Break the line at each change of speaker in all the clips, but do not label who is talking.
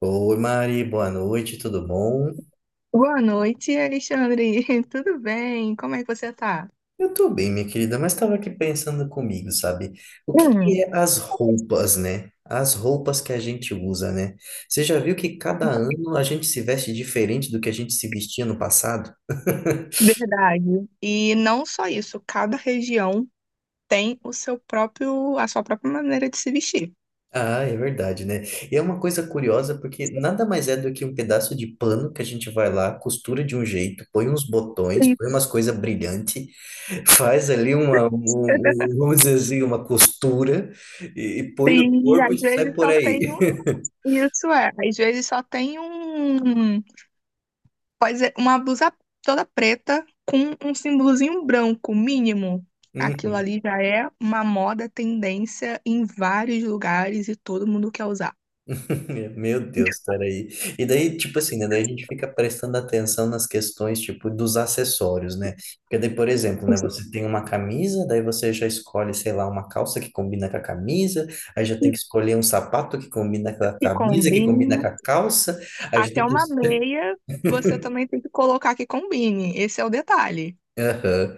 Oi, Mari, boa noite, tudo bom?
Boa noite, Alexandre. Tudo bem? Como é que você tá?
Eu tô bem, minha querida, mas estava aqui pensando comigo, sabe? O que
Hum.
que é as roupas, né? As roupas que a gente usa, né? Você já viu que cada ano a gente se veste diferente do que a gente se vestia no passado?
Verdade. E não só isso, cada região tem o seu próprio, a sua própria maneira de se vestir.
Ah, é verdade, né? E é uma coisa curiosa porque nada mais é do que um pedaço de pano que a gente vai lá, costura de um jeito, põe uns botões, põe
Isso.
umas coisas brilhantes. Faz ali vamos dizer assim, uma costura e põe no
E
corpo e
às
sai
vezes
por
só tem
aí.
um, isso é, às vezes só tem um, pode ser uma blusa toda preta com um símbolozinho branco mínimo. Aquilo
Uhum.
ali já é uma moda, tendência em vários lugares e todo mundo quer usar.
Meu Deus, peraí. E daí, tipo assim, né? Daí a gente fica prestando atenção nas questões, tipo, dos acessórios, né? Porque daí, por exemplo, né? Você tem uma camisa, daí você já escolhe, sei lá, uma calça que combina com a camisa, aí já tem que escolher um sapato que combina com a
Que
camisa, que combina
combine.
com a calça, aí já
Até
tem que...
uma meia, você também tem que colocar que combine. Esse é o detalhe.
Aham.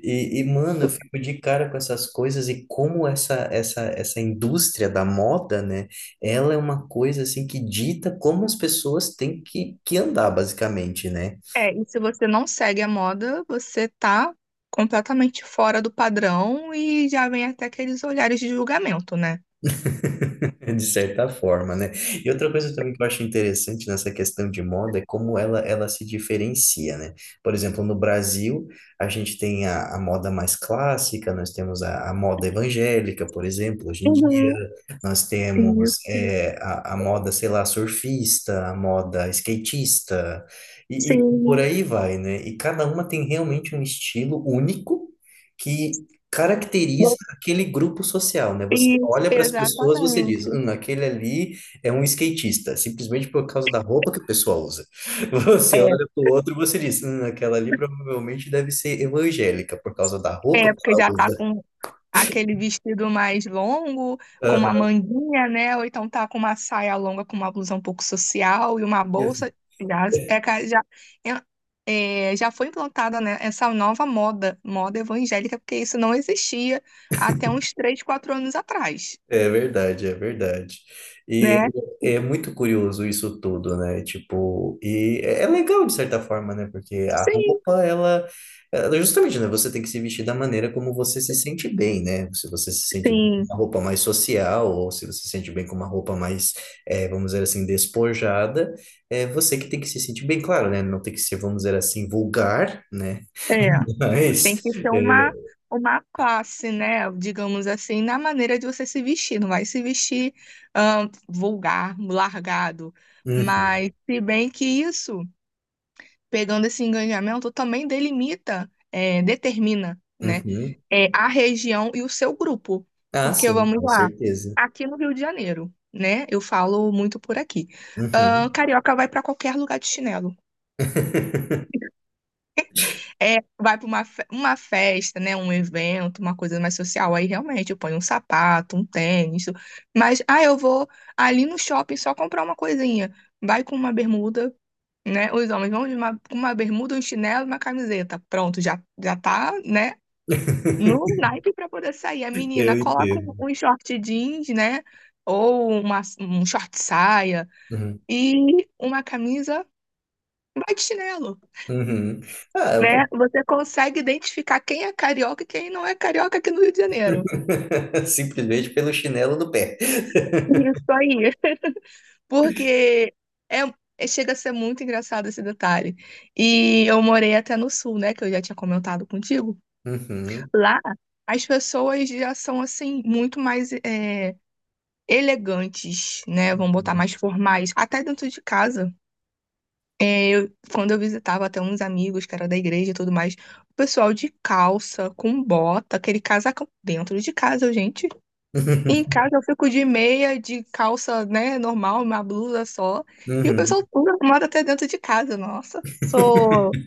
Mano, eu fico de cara com essas coisas e como essa indústria da moda, né? Ela é uma coisa assim que dita como as pessoas têm que andar, basicamente, né?
É, e se você não segue a moda, você tá completamente fora do padrão e já vem até aqueles olhares de julgamento, né?
De certa forma, né? E outra coisa também que eu acho interessante nessa questão de moda é como ela se diferencia, né? Por exemplo, no Brasil, a gente tem a moda mais clássica, nós temos a moda evangélica, por exemplo, hoje em dia,
Uhum,
nós temos
isso.
a moda, sei lá, surfista, a moda skatista, e por
Sim,
aí vai, né? E cada uma tem realmente um estilo único. Que, caracteriza aquele grupo social, né? Você
isso,
olha para as pessoas, você diz,
exatamente.
aquele ali é um skatista, simplesmente por causa da roupa que o pessoal usa. Você
É,
olha para o outro, você diz, aquela ali provavelmente deve ser evangélica por causa da roupa
é
que
porque
ela
já tá
usa.
com aquele vestido mais longo, com uma
Aham.
manguinha, né? Ou então tá com uma saia longa, com uma blusa um pouco social e uma
Isso.
bolsa. Já, é, ca- já, é, é, Já foi implantada, né, essa nova moda, moda evangélica, porque isso não existia até uns 3, 4 anos atrás,
É verdade, é verdade. E
né?
é muito curioso isso tudo, né? Tipo, e é legal de certa forma, né? Porque a
Sim,
roupa, ela- justamente, né? Você tem que se vestir da maneira como você se sente bem, né? Se você se sente bem com
sim.
uma roupa mais social, ou se você se sente bem com uma roupa mais, vamos dizer assim, despojada, é você que tem que se sentir bem, claro, né? Não tem que ser, vamos dizer assim, vulgar, né?
É, tem
Mas,
que ser
é,
uma classe, né? Digamos assim, na maneira de você se vestir. Não vai se vestir vulgar, largado.
uhum,
Mas, se bem que isso, pegando esse engajamento, também delimita, é, determina, né?
uhum.
A região e o seu grupo.
Ah,
Porque,
sim,
vamos
com
lá,
certeza.
aqui no Rio de Janeiro, né? Eu falo muito por aqui.
Uhum.
Carioca vai para qualquer lugar de chinelo. É, vai para uma, uma festa, né? Um evento, uma coisa mais social. Aí realmente eu ponho um sapato, um tênis. Mas, ah, eu vou ali no shopping só comprar uma coisinha. Vai com uma bermuda, né? Os homens vão de uma, com uma bermuda, um chinelo e uma camiseta. Pronto, já, já tá, né? No naipe para poder sair. A menina
Eu
coloca um,
entendo.
um short jeans, né? Ou uma, um short saia
Uhum.
e uma camisa. Vai de chinelo.
Uhum. Ah,
Né?
eu-
Você consegue identificar quem é carioca e quem não é carioca aqui no Rio de Janeiro.
simplesmente pelo chinelo no pé.
Isso aí. Porque é, chega a ser muito engraçado esse detalhe. E eu morei até no sul, né? Que eu já tinha comentado contigo.
Uhum.
Lá, as pessoas já são, assim, muito mais elegantes, né? Vamos botar
Uhum.
mais formais. Até dentro de casa. Quando eu visitava até uns amigos que era da igreja e tudo mais, o pessoal de calça, com bota, aquele casacão dentro de casa, gente. Em casa eu fico de meia, de calça, né, normal, uma blusa só. E o pessoal
Uhum.
tudo arrumado até dentro de casa, nossa. Sou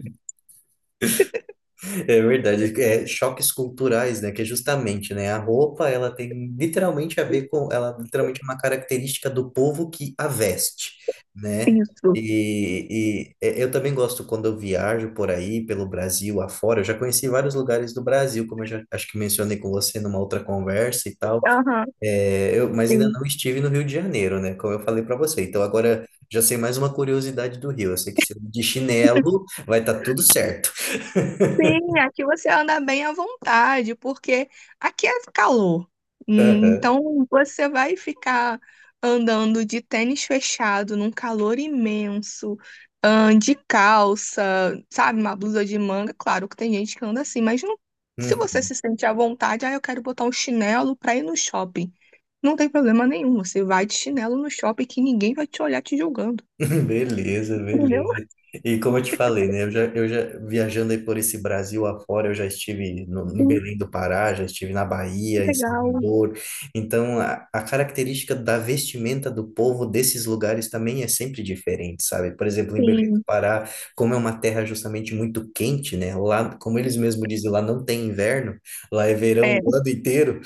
É verdade, é choques culturais, né? Que é justamente, né? A roupa, ela tem literalmente a ver com, ela literalmente é uma característica do povo que a veste, né?
isso.
Eu também gosto quando eu viajo por aí, pelo Brasil afora. Eu já conheci vários lugares do Brasil, como eu já acho que mencionei com você numa outra conversa e tal.
Aham.
É, eu, mas ainda não estive no Rio de Janeiro, né? Como eu falei para você. Então agora já sei mais uma curiosidade do Rio. Eu sei que se eu ir de chinelo vai estar tudo certo.
Sim, aqui você anda bem à vontade, porque aqui é calor. Hum. Então você vai ficar andando de tênis fechado num calor imenso, de calça, sabe, uma blusa de manga. Claro que tem gente que anda assim, se você
Hum,
se sente à vontade, ah, eu quero botar um chinelo para ir no shopping. Não tem problema nenhum, você vai de chinelo no shopping que ninguém vai te olhar te julgando.
beleza,
Entendeu?
beleza. E como eu te falei, né? Eu já viajando aí por esse Brasil afora, eu já estive no, em
Hum.
Belém do Pará, já estive na Bahia, em
Legal,
Salvador. Então, a característica da vestimenta do povo desses lugares também é sempre diferente, sabe? Por exemplo, em Belém do
sim.
Pará, como é uma terra justamente muito quente, né? Lá, como eles mesmos dizem, lá não tem inverno, lá é verão
É.
o ano inteiro.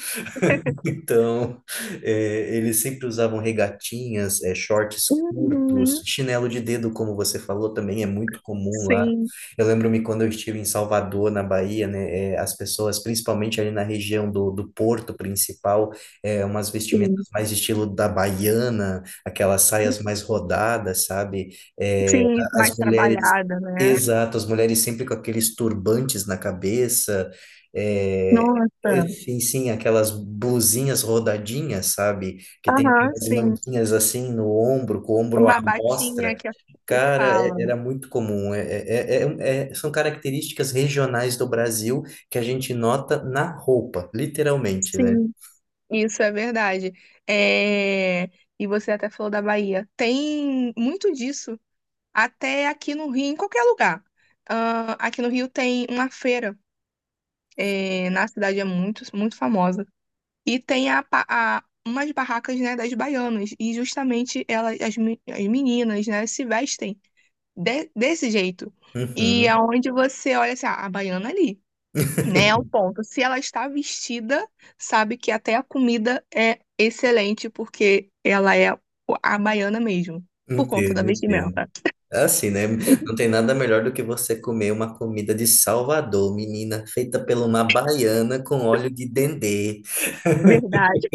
Então, é, eles sempre usavam regatinhas, é, shorts curtos,
Uhum.
chinelo de dedo, como você falou, também é muito comum lá.
Sim,
Eu lembro-me quando eu estive em Salvador, na Bahia, né, é, as pessoas, principalmente ali na região do Porto principal, é, umas vestimentas
sim.
mais estilo da baiana, aquelas saias mais rodadas, sabe? É,
Sim,
a- as
mais
mulheres.
trabalhada, né.
Exato, as mulheres sempre com aqueles turbantes na cabeça. eh,
Nossa.
Sim, sim, aquelas blusinhas rodadinhas, sabe? Que tem
Aham,
aquelas
sim.
manguinhas assim no ombro, com o ombro à
Uma
mostra.
batinha que a que
Cara, é-
fala.
era muito comum. São características regionais do Brasil que a gente nota na roupa, literalmente, né?
Sim, isso é verdade. é e você até falou da Bahia. Tem muito disso, até aqui no Rio, em qualquer lugar. Ah, aqui no Rio tem uma feira, é na cidade, é muito, muito famosa. E tem a, umas barracas, né, das baianas. E justamente elas, as meninas, né, se vestem desse jeito. E
Uhum,
aonde você olha assim, ah, a baiana ali, né? É o ponto. Se ela está vestida, sabe que até a comida é excelente, porque ela é a baiana mesmo, por conta da
entendo, entendo.
vestimenta.
É assim, né? Não tem nada melhor do que você comer uma comida de Salvador, menina, feita por uma baiana com óleo de dendê.
Verdade.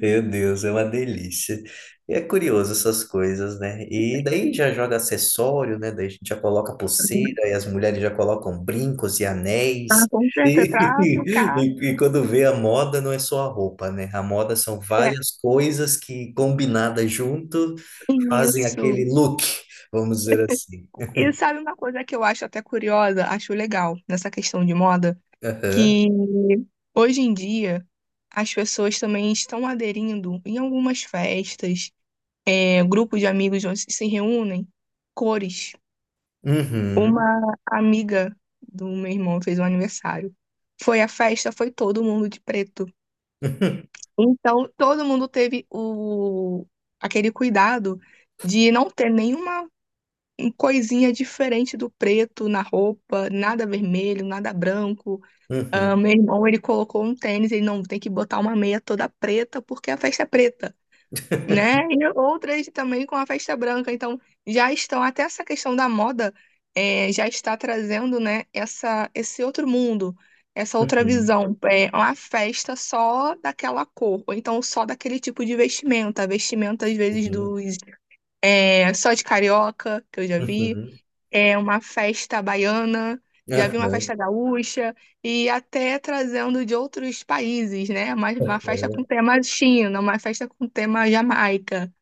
Meu Deus, é uma delícia. E é curioso essas coisas, né? E daí já joga acessório, né? Daí a gente já coloca pulseira e as mulheres já colocam brincos e
Ah,
anéis.
com certeza,
E,
pra ficar.
e quando vê a moda, não é só a roupa, né? A moda são
É,
várias coisas que combinadas junto fazem aquele
isso.
look, vamos dizer assim.
E sabe uma coisa que eu acho até curiosa, acho legal nessa questão de moda,
Aham.
que hoje em dia as pessoas também estão aderindo em algumas festas, é, grupo de amigos onde se reúnem, cores.
Uhum.
Uma amiga do meu irmão fez um aniversário. Foi a festa, foi todo mundo de preto. Então, todo mundo teve o aquele cuidado de não ter nenhuma coisinha diferente do preto na roupa, nada vermelho, nada branco. Ah, meu
Uhum.
irmão, ele colocou um tênis, ele não tem que botar uma meia toda preta porque a festa é preta. Né? E outras também com a festa branca. Então, já estão, até essa questão da moda, já está trazendo, né, essa, esse outro mundo, essa outra
Uhum.
visão. É uma festa só daquela cor, ou então só daquele tipo de vestimenta. Vestimenta, às vezes,
Uhum.
dos, é, só de carioca, que eu já vi.
Uhum.
É uma festa baiana.
Uhum.
Já vi uma
Aham.
festa gaúcha e até trazendo de outros países, né? Uma festa com tema China, uma festa com tema Jamaica.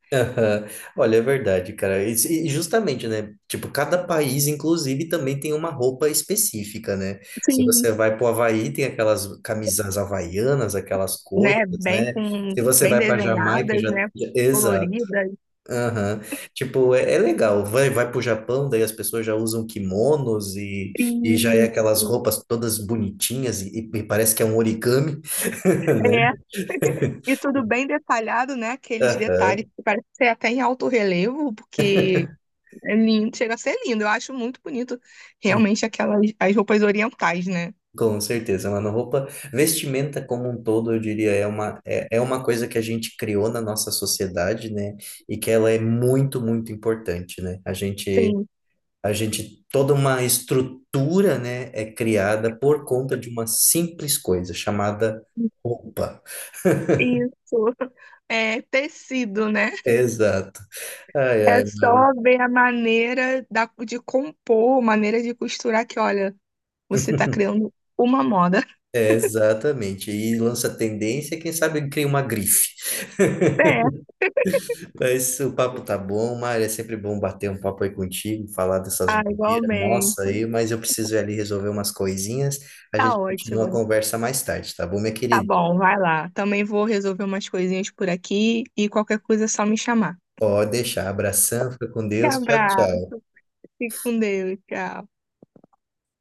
Olha, é verdade, cara. E se- e justamente, né? Tipo, cada país, inclusive, também tem uma roupa específica, né? Se
Sim,
você vai pro Havaí, tem aquelas camisas havaianas, aquelas coisas,
né?
né? Se você
Bem
vai para Jamaica,
desenhadas,
já...
né?
já- exato.
Coloridas.
Aham. Tipo, é, é legal. Vai pro Japão, daí as pessoas já usam kimonos e já é aquelas
Isso.
roupas todas bonitinhas e parece que é um origami, né?
É. E tudo bem detalhado, né? Aqueles
Aham.
detalhes que parece ser até em alto relevo, porque é lindo, chega a ser lindo. Eu acho muito bonito realmente aquelas as roupas orientais, né?
Com certeza, mano. Roupa, vestimenta como um todo, eu diria, é uma, é, é uma coisa que a gente criou na nossa sociedade, né? E que ela é muito importante, né?
Sim,
A gente, toda uma estrutura, né, é criada por conta de uma simples coisa chamada roupa.
isso. É tecido, né?
Exato. Ai, ai,
É só
Mari.
ver a maneira da, de compor, maneira de costurar que, olha, você tá criando uma moda.
É, exatamente. E lança tendência, quem sabe cria uma grife.
É.
É isso, o papo tá bom, Mário. É sempre bom bater um papo aí contigo, falar dessas
Ah,
bobeiras,
igualmente.
nossa, aí, mas eu preciso ir ali resolver umas coisinhas. A
Tá
gente continua a
ótimo.
conversa mais tarde, tá bom, minha
Tá
querida?
bom, vai lá. Também vou resolver umas coisinhas por aqui e qualquer coisa é só me chamar.
Pode deixar. Abração, fica com
Um
Deus. Tchau, tchau.
abraço. Fique com Deus. Tchau.